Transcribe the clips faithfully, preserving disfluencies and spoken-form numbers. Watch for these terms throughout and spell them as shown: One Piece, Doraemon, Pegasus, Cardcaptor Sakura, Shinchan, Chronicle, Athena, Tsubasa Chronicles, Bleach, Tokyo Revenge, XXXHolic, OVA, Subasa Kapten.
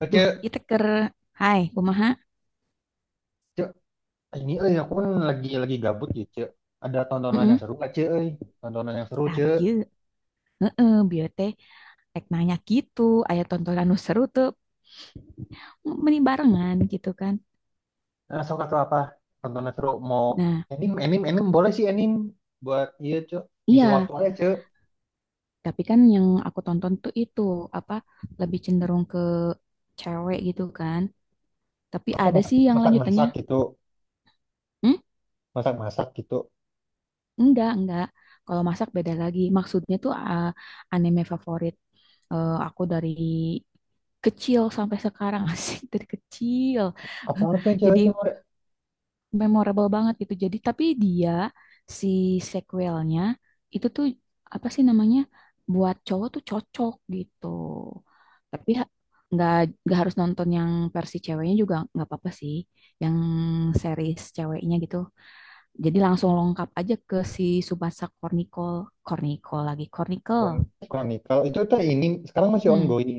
Eh, Duh, Cek, kita ker hai kumaha? Cek, Eh, ini eh aku kan lagi lagi gabut ya Cek. Ada tontonan yang Heeh. seru nggak, Cek? Eh, tontonan yang seru, Tah Cek. bieu. Heeh, bieu teh rek nanya gitu, aya tontonan nu seru tuh meni barengan gitu kan. Nah, sok atau apa? Tontonan seru mau Nah, anime, anime, anime boleh sih anime buat iya, Cek. Ngisi waktu iya, aja, Cek. tapi kan yang aku tonton tuh itu apa lebih cenderung ke cewek gitu kan. Tapi Apa ada masak sih yang masak lanjutannya. masak gitu, Hmm? masak masak gitu. Enggak, enggak. Kalau masak beda lagi. Maksudnya tuh ah, anime favorit eh, aku dari kecil sampai sekarang asik dari kecil. Apa tuh yang Jadi cewek-cewek? memorable banget gitu. Jadi tapi dia si sequelnya itu tuh apa sih namanya buat cowok tuh cocok gitu. Tapi ha- nggak nggak harus nonton yang versi ceweknya juga nggak apa-apa sih. Yang series ceweknya gitu. Jadi langsung lengkap aja ke si Tsubasa Chronicles, Chronicles lagi Chronicle. Chron- Chronicle itu tuh ini sekarang masih Mm-mm. ongoing.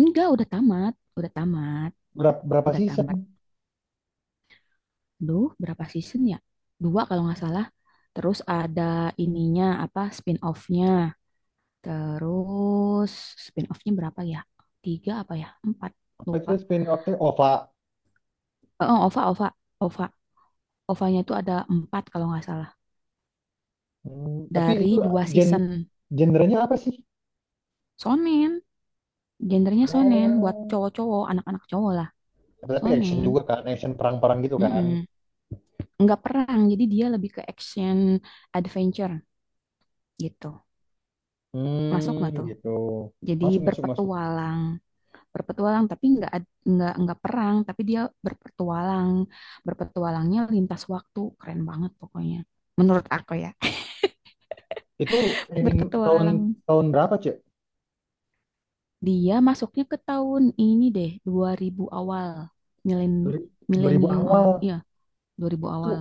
Enggak, udah tamat, udah tamat, Berapa, berapa udah season? tamat. Duh, berapa season ya? Dua kalau nggak salah. Terus ada ininya, apa, spin-off-nya. Terus spin-off-nya berapa ya? Tiga apa ya? Empat, Apa lupa. itu spin off-nya? O V A. Eh, Oh, OVA, OVA, OVA. OVA-nya tuh ada empat kalau nggak salah. Hmm, tapi Dari itu dua gen season. genrenya apa sih? Sonen, gendernya sonen. Buat Oh. cowok-cowok, anak-anak cowok lah. Tapi action Sonen. juga kan, action perang-perang gitu kan. Mm-mm. Nggak perang, jadi dia lebih ke action adventure gitu. Masuk Hmm, nggak tuh? gitu. Jadi Masuk, masuk, masuk. berpetualang. Berpetualang tapi nggak nggak nggak perang tapi dia berpetualang berpetualangnya lintas waktu keren banget pokoknya menurut aku ya Itu anime tahun berpetualang tahun berapa, Cek? dia masuknya ke tahun ini deh dua ribu awal milen Duri- dua ribu milenium awal. awal iya dua ribu Itu awal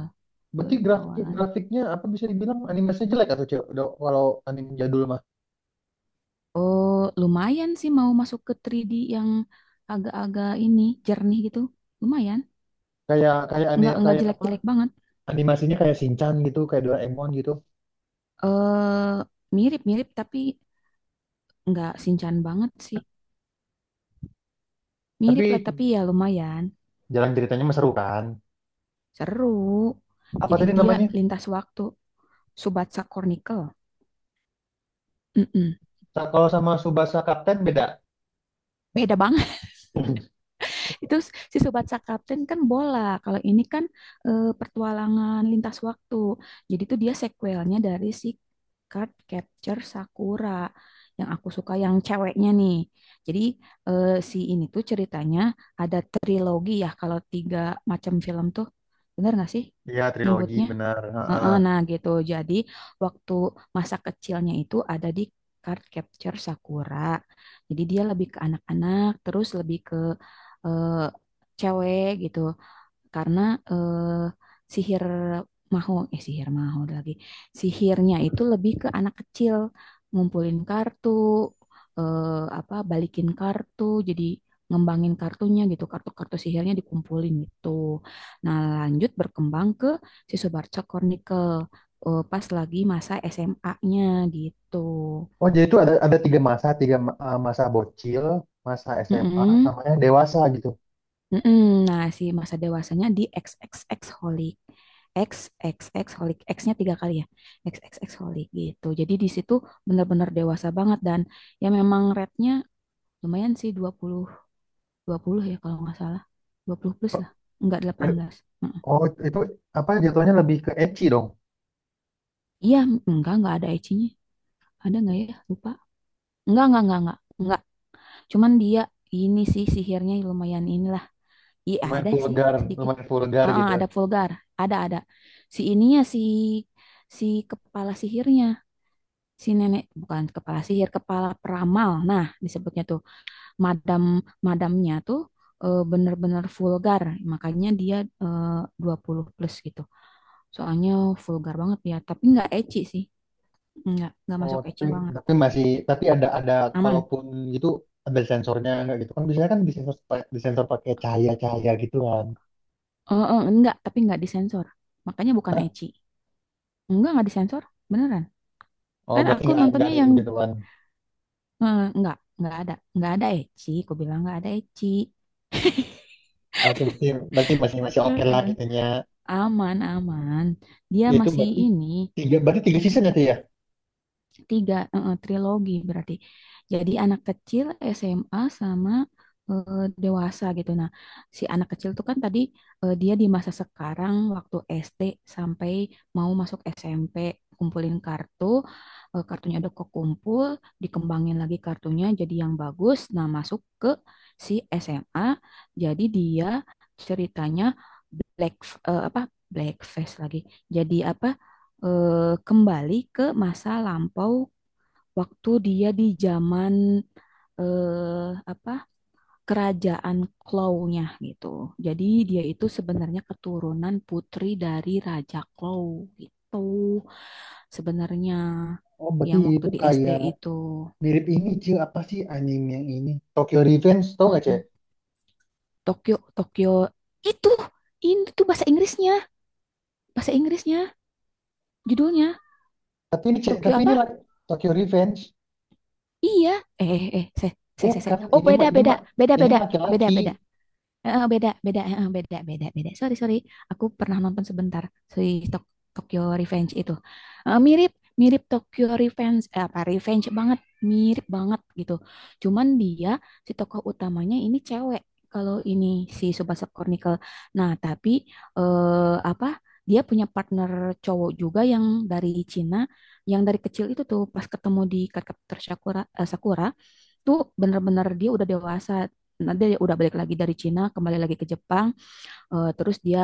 berarti dua ribu grafik awalan grafiknya apa bisa dibilang animasinya jelek atau Cek? Udah- Kalau anime jadul mah. oh lumayan sih mau masuk ke tiga D yang agak-agak ini jernih gitu lumayan Kayak kayak nggak anime nggak kayak apa? jelek-jelek banget Animasinya kayak Shinchan gitu, kayak Doraemon gitu. eh mirip-mirip tapi nggak sinchan banget sih. Mirip lah Tapi tapi ya lumayan. jalan ceritanya mah seru kan. Seru. Apa Jadi tadi dia namanya? lintas waktu. Subatsa Chronicle. Mm-mm. Sa- Kalau sama Subasa Kapten beda. Beda banget. Itu si Subatsa Captain kan bola. Kalau ini kan eh, petualangan lintas waktu. Jadi tuh dia sequelnya dari si Card Capture Sakura. Yang aku suka yang ceweknya nih. Jadi eh, si ini tuh ceritanya ada trilogi ya. Kalau tiga macam film tuh. Bener gak sih Iya, trilogi nyebutnya? benar. Heeh, Ha-ha. nah gitu. Jadi waktu masa kecilnya itu ada di Card Capture Sakura. Jadi dia lebih ke anak-anak, terus lebih ke eh, cewek gitu karena eh, sihir maho eh sihir maho lagi sihirnya itu lebih ke anak kecil ngumpulin kartu eh, apa balikin kartu jadi ngembangin kartunya gitu kartu-kartu sihirnya dikumpulin gitu nah lanjut berkembang ke si Subarca Chronicle eh, pas lagi masa S M A-nya gitu. Oh, jadi itu ada ada tiga masa, tiga ma- eh, masa bocil, masa S M A, Mm-mm. sama yang dewasa gitu. Mm-mm. Nah, si masa dewasanya di X X X holic. X X X holic. X-nya tiga kali ya. X X X holic gitu. Jadi di situ benar-benar dewasa banget dan ya memang rate-nya lumayan sih dua puluh dua puluh ya kalau nggak salah. Dua puluh plus lah. Enggak Eh, delapan belas. Mm-mm. Oh, itu apa jatuhnya lebih ke ecchi dong. Iya, enggak enggak ada ecinya. Ada nggak ya? Lupa. Enggak, enggak, enggak, enggak. Enggak. Cuman dia ini sih sihirnya lumayan inilah. Iya Lumayan ada sih vulgar, sedikit. lumayan vulgar Ah, ah, gitu. ada vulgar, ada ada. Si ininya si si kepala sihirnya, si nenek bukan kepala sihir, kepala peramal. Nah disebutnya tuh madam madamnya tuh eh, bener-bener vulgar, makanya dia eh, dua puluh plus gitu. Soalnya vulgar banget ya, tapi nggak ecchi sih, nggak nggak Oh, masuk ecchi tapi banget, tapi masih tapi ada ada aman. kalaupun gitu ada sensornya nggak gitu kan biasanya kan disensor pa- disensor pakai cahaya-cahaya gitu kan. Eh, eh, nggak, tapi nggak disensor, makanya bukan ecchi. Enggak nggak disensor, beneran. Oh, Kan berarti aku nggak nggak nontonnya ada yang yang begitu kan. Eh, nggak, nggak ada, nggak ada Eci. Aku bilang nggak ada Eci. Oke, berarti berarti masih masih oke lah Mm-mm. gitunya. Aman, aman. Dia Itu masih berarti ini, tiga berarti tiga season ya Tia? tiga, eh, trilogi berarti. Jadi anak kecil, S M A, sama eh, dewasa gitu. Nah, si anak kecil tuh kan tadi eh, dia di masa sekarang waktu S D sampai mau masuk S M P kumpulin kartu, eh, kartunya udah kekumpul, dikembangin lagi kartunya jadi yang bagus. Nah, masuk ke si S M A, jadi dia ceritanya black eh, apa blackface lagi. Jadi apa eh, kembali ke masa lampau waktu dia di zaman eh, apa kerajaan Klaunya gitu. Jadi dia itu sebenarnya keturunan putri dari Raja Klau gitu sebenarnya Oh, berarti yang waktu itu di S D kayak itu. mirip ini Cil apa sih anime yang ini Tokyo Revenge tau nggak cek Mm-mm. Tokyo Tokyo itu ini tuh bahasa Inggrisnya, bahasa Inggrisnya judulnya. tapi ini cek Tokyo tapi ini apa? laki- Tokyo Revenge Iya. Eh eh eh, saya saya seh. bukan Oh ini beda mah ini beda, mah beda ini beda, mah beda laki-laki. beda. Heeh, beda, beda, heeh, beda, beda, beda. Sorry, sorry. Aku pernah nonton sebentar si Tok- Tokyo Revenge itu. Eh, mirip, mirip Tokyo Revenge, eh, apa Revenge banget, mirip banget gitu. Cuman dia si tokoh utamanya ini cewek. Kalau ini si Tsubasa Chronicle. Nah, tapi eh, apa? Dia punya partner cowok juga yang dari Cina, yang dari kecil itu tuh pas ketemu di Cardcaptor Sakura, eh, Sakura tuh bener-bener dia udah dewasa. Nanti dia udah balik lagi dari Cina, kembali lagi ke Jepang, eh, terus dia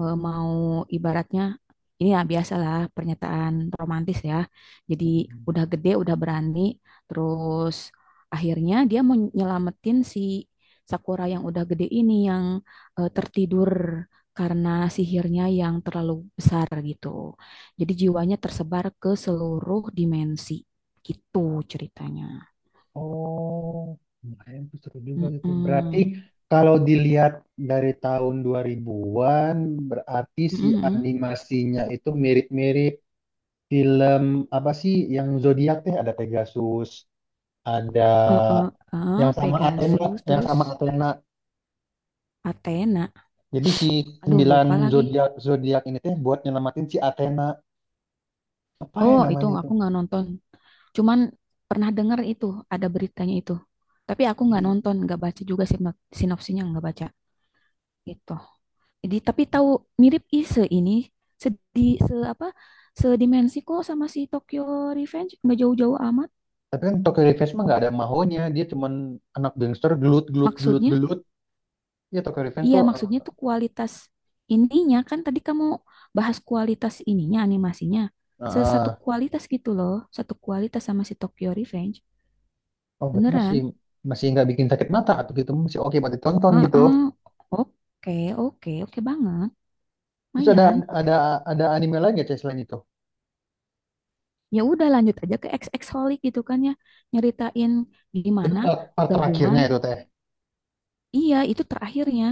eh, mau ibaratnya ini ya biasalah pernyataan romantis ya. Jadi Hmm. udah gede, udah berani, terus akhirnya dia mau nyelamatin si Sakura yang udah gede ini yang eh, tertidur karena sihirnya yang terlalu besar gitu. Jadi jiwanya tersebar ke seluruh dimensi. Gitu ceritanya. Oh lumayan tuh seru juga itu berarti Mm-mm. kalau dilihat dari tahun dua ribu-an berarti Mhm, si mhm. animasinya itu mirip-mirip film apa sih yang zodiak teh ada Pegasus ada Eh, eh, eh, yang sama Athena Pegasus, yang sama terus Athena Athena. Jadi si Aduh, sembilan lupa lagi. zodiak zodiak ini teh buat nyelamatin si Athena. Apa ya Oh, itu namanya aku tuh? nggak nonton. Cuman pernah dengar itu, ada beritanya itu. Tapi aku nggak Di, nonton, nggak baca juga sinop- sinopsinya, nggak baca. Gitu. Jadi, tapi tahu mirip Ise ini, sedi, se apa, sedimensi kok sama si Tokyo Revenge, nggak jauh-jauh amat. tapi kan Tokyo Revenge mah nggak ada mahonya, dia cuman anak gangster gelut gelut gelut Maksudnya, gelut. Ya Tokyo Revenge iya, tuh, eh, maksudnya tuh kualitas ininya kan tadi kamu bahas kualitas ininya animasinya. eh, Sesatu eh, kualitas gitu loh, satu kualitas sama si Tokyo Revenge. oh berarti masih Beneran? masih nggak bikin sakit mata atau gitu masih oke buat ditonton gitu. Heeh. Oke, oke, oke banget. Terus ada Mayan. ada ada anime lain nggak Teh, selain itu? Ya udah lanjut aja ke X X Holic gitu kan ya. Nyeritain Itu gimana part, part gabungan. terakhirnya itu teh. Iya, itu terakhirnya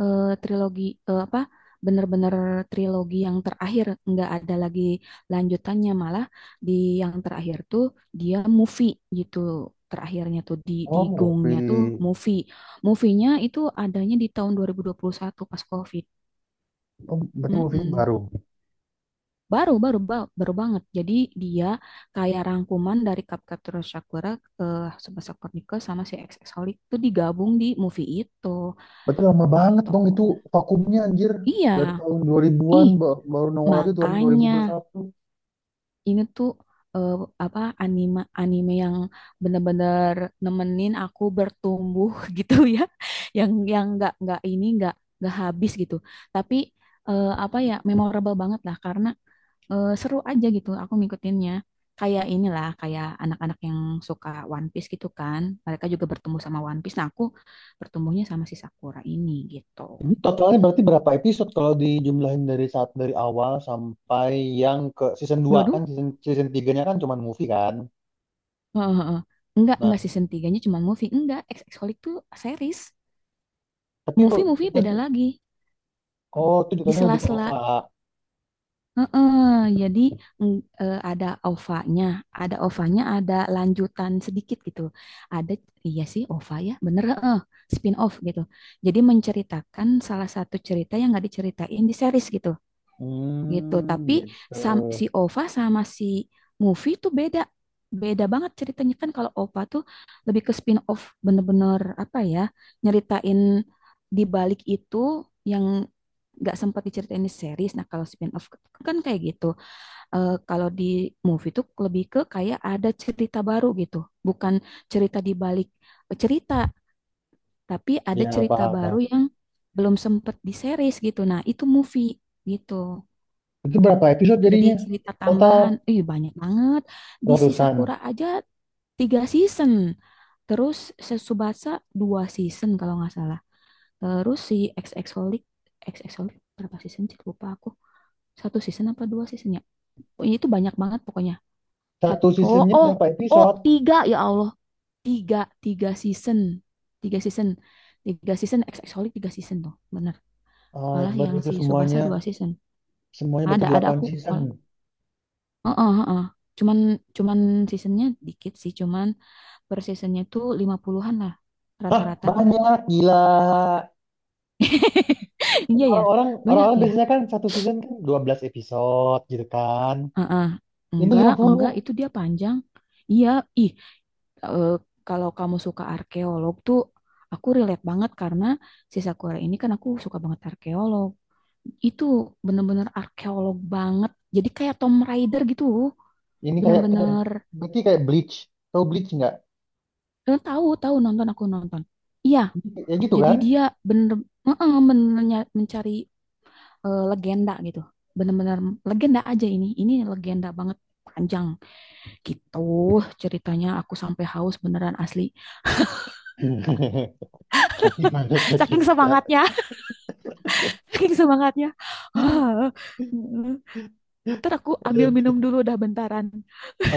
eh, trilogi eh, apa bener-bener trilogi yang terakhir nggak ada lagi lanjutannya malah di yang terakhir tuh dia movie gitu terakhirnya tuh di di Oh gongnya tuh movie, movie movie-nya itu adanya di tahun dua dua ribu dua puluh satu pas COVID. oh berarti movie Mm-mm. baru. Baru, baru ba- baru banget jadi dia kayak rangkuman dari Capcaptor Sakura eh, Tsubasa Chronicles sama si X X Holic itu digabung di movie itu Berarti lama banget gitu. dong itu vakumnya anjir. Iya, Dari tahun dua ribu-an ih, ba- baru nongol lagi tahun makanya dua ribu dua puluh satu. ini tuh eh, apa anime anime yang bener-bener nemenin aku bertumbuh gitu ya, yang yang nggak nggak ini nggak nggak habis gitu. Tapi eh, apa ya memorable banget lah karena eh, seru aja gitu aku ngikutinnya. Kayak inilah kayak anak-anak yang suka One Piece gitu kan, mereka juga bertumbuh sama One Piece. Nah aku bertumbuhnya sama si Sakura ini gitu. Ini totalnya berarti berapa episode kalau dijumlahin dari saat dari awal sampai yang ke season dua Dua. kan season season tiga-nya kan cuman movie kan. Heeh, heeh. Enggak, Nah, enggak season tiga cuma movie. Enggak, X X Holic tuh series. tapi kok Movie-movie beda nanti lagi. oh itu Di jatuhnya lebih ke sela-sela. O V A. Heeh, jadi eng- eh, ada ova. Ada ova ada lanjutan sedikit gitu. Ada, iya sih OVA ya, bener eh spin-off gitu. Jadi menceritakan salah satu cerita yang nggak diceritain di series gitu. Gitu. Hmm, Tapi gitu. sam- si Ova sama si Movie tuh beda. Beda banget ceritanya kan kalau Ova tuh lebih ke spin-off bener-bener apa ya, nyeritain di balik itu yang nggak sempat diceritain di series. Nah kalau spin-off kan kayak gitu. Eh, kalau di movie tuh lebih ke kayak ada cerita baru gitu. Bukan cerita di balik eh, cerita, tapi Ya, ada apa cerita apa baru yang belum sempat di series gitu. Nah itu movie gitu. Itu berapa episode Jadi jadinya? cerita Total tambahan, ih banyak banget. Di ratusan. Sisakura aja tiga season. Terus Tsubasa dua season kalau nggak salah. Terus si X X Holic, X X Holic berapa season sih? Lupa aku. Satu season apa dua season ya? Pokoknya itu banyak banget pokoknya. Sat- Satu oh, seasonnya oh, berapa oh, episode? tiga ya Allah. Tiga, tiga season. Tiga season. Tiga season, X X Holic tiga season tuh. Bener. Ah, Malah berarti yang itu si Tsubasa semuanya dua season. semuanya berarti Ada, ada delapan aku. season. Heeh, heeh. Cuman cuman seasonnya dikit sih, cuman per seasonnya tuh lima puluhan-an lah Hah, rata-rata. banyak gila. Iya ya, Orang-orang banyak orang-orang ya. biasanya kan satu season kan dua belas episode gitu kan. Heeh. Ini Enggak, lima enggak, puluh itu dia panjang. Iya, ih, eh, kalau kamu suka arkeolog tuh aku relate banget karena si Sakura ini kan aku suka banget arkeolog. Itu bener-bener arkeolog banget. Jadi kayak Tom Raider gitu. Ini kayak kayak Bener-bener berarti kayak Bleach. Tahu Bleach nggak? eh, tahu, tahu nonton aku nonton. Iya, Ya gitu jadi kan? dia bener, heeh, bener nya- mencari eh, legenda gitu. Bener-bener legenda aja ini. Ini legenda banget panjang gitu ceritanya aku sampai haus beneran asli Tapi banyak ya saking cerita. semangatnya saking semangatnya. Ah, heeh. Ntar aku ambil minum dulu dah bentaran.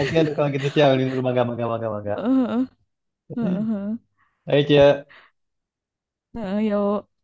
Oke, aduh, kalau gitu Cia, ini dulu mangga mangga mangga mangga. Heeh, heeh, heeh, Ayo Cia. heeh, yuk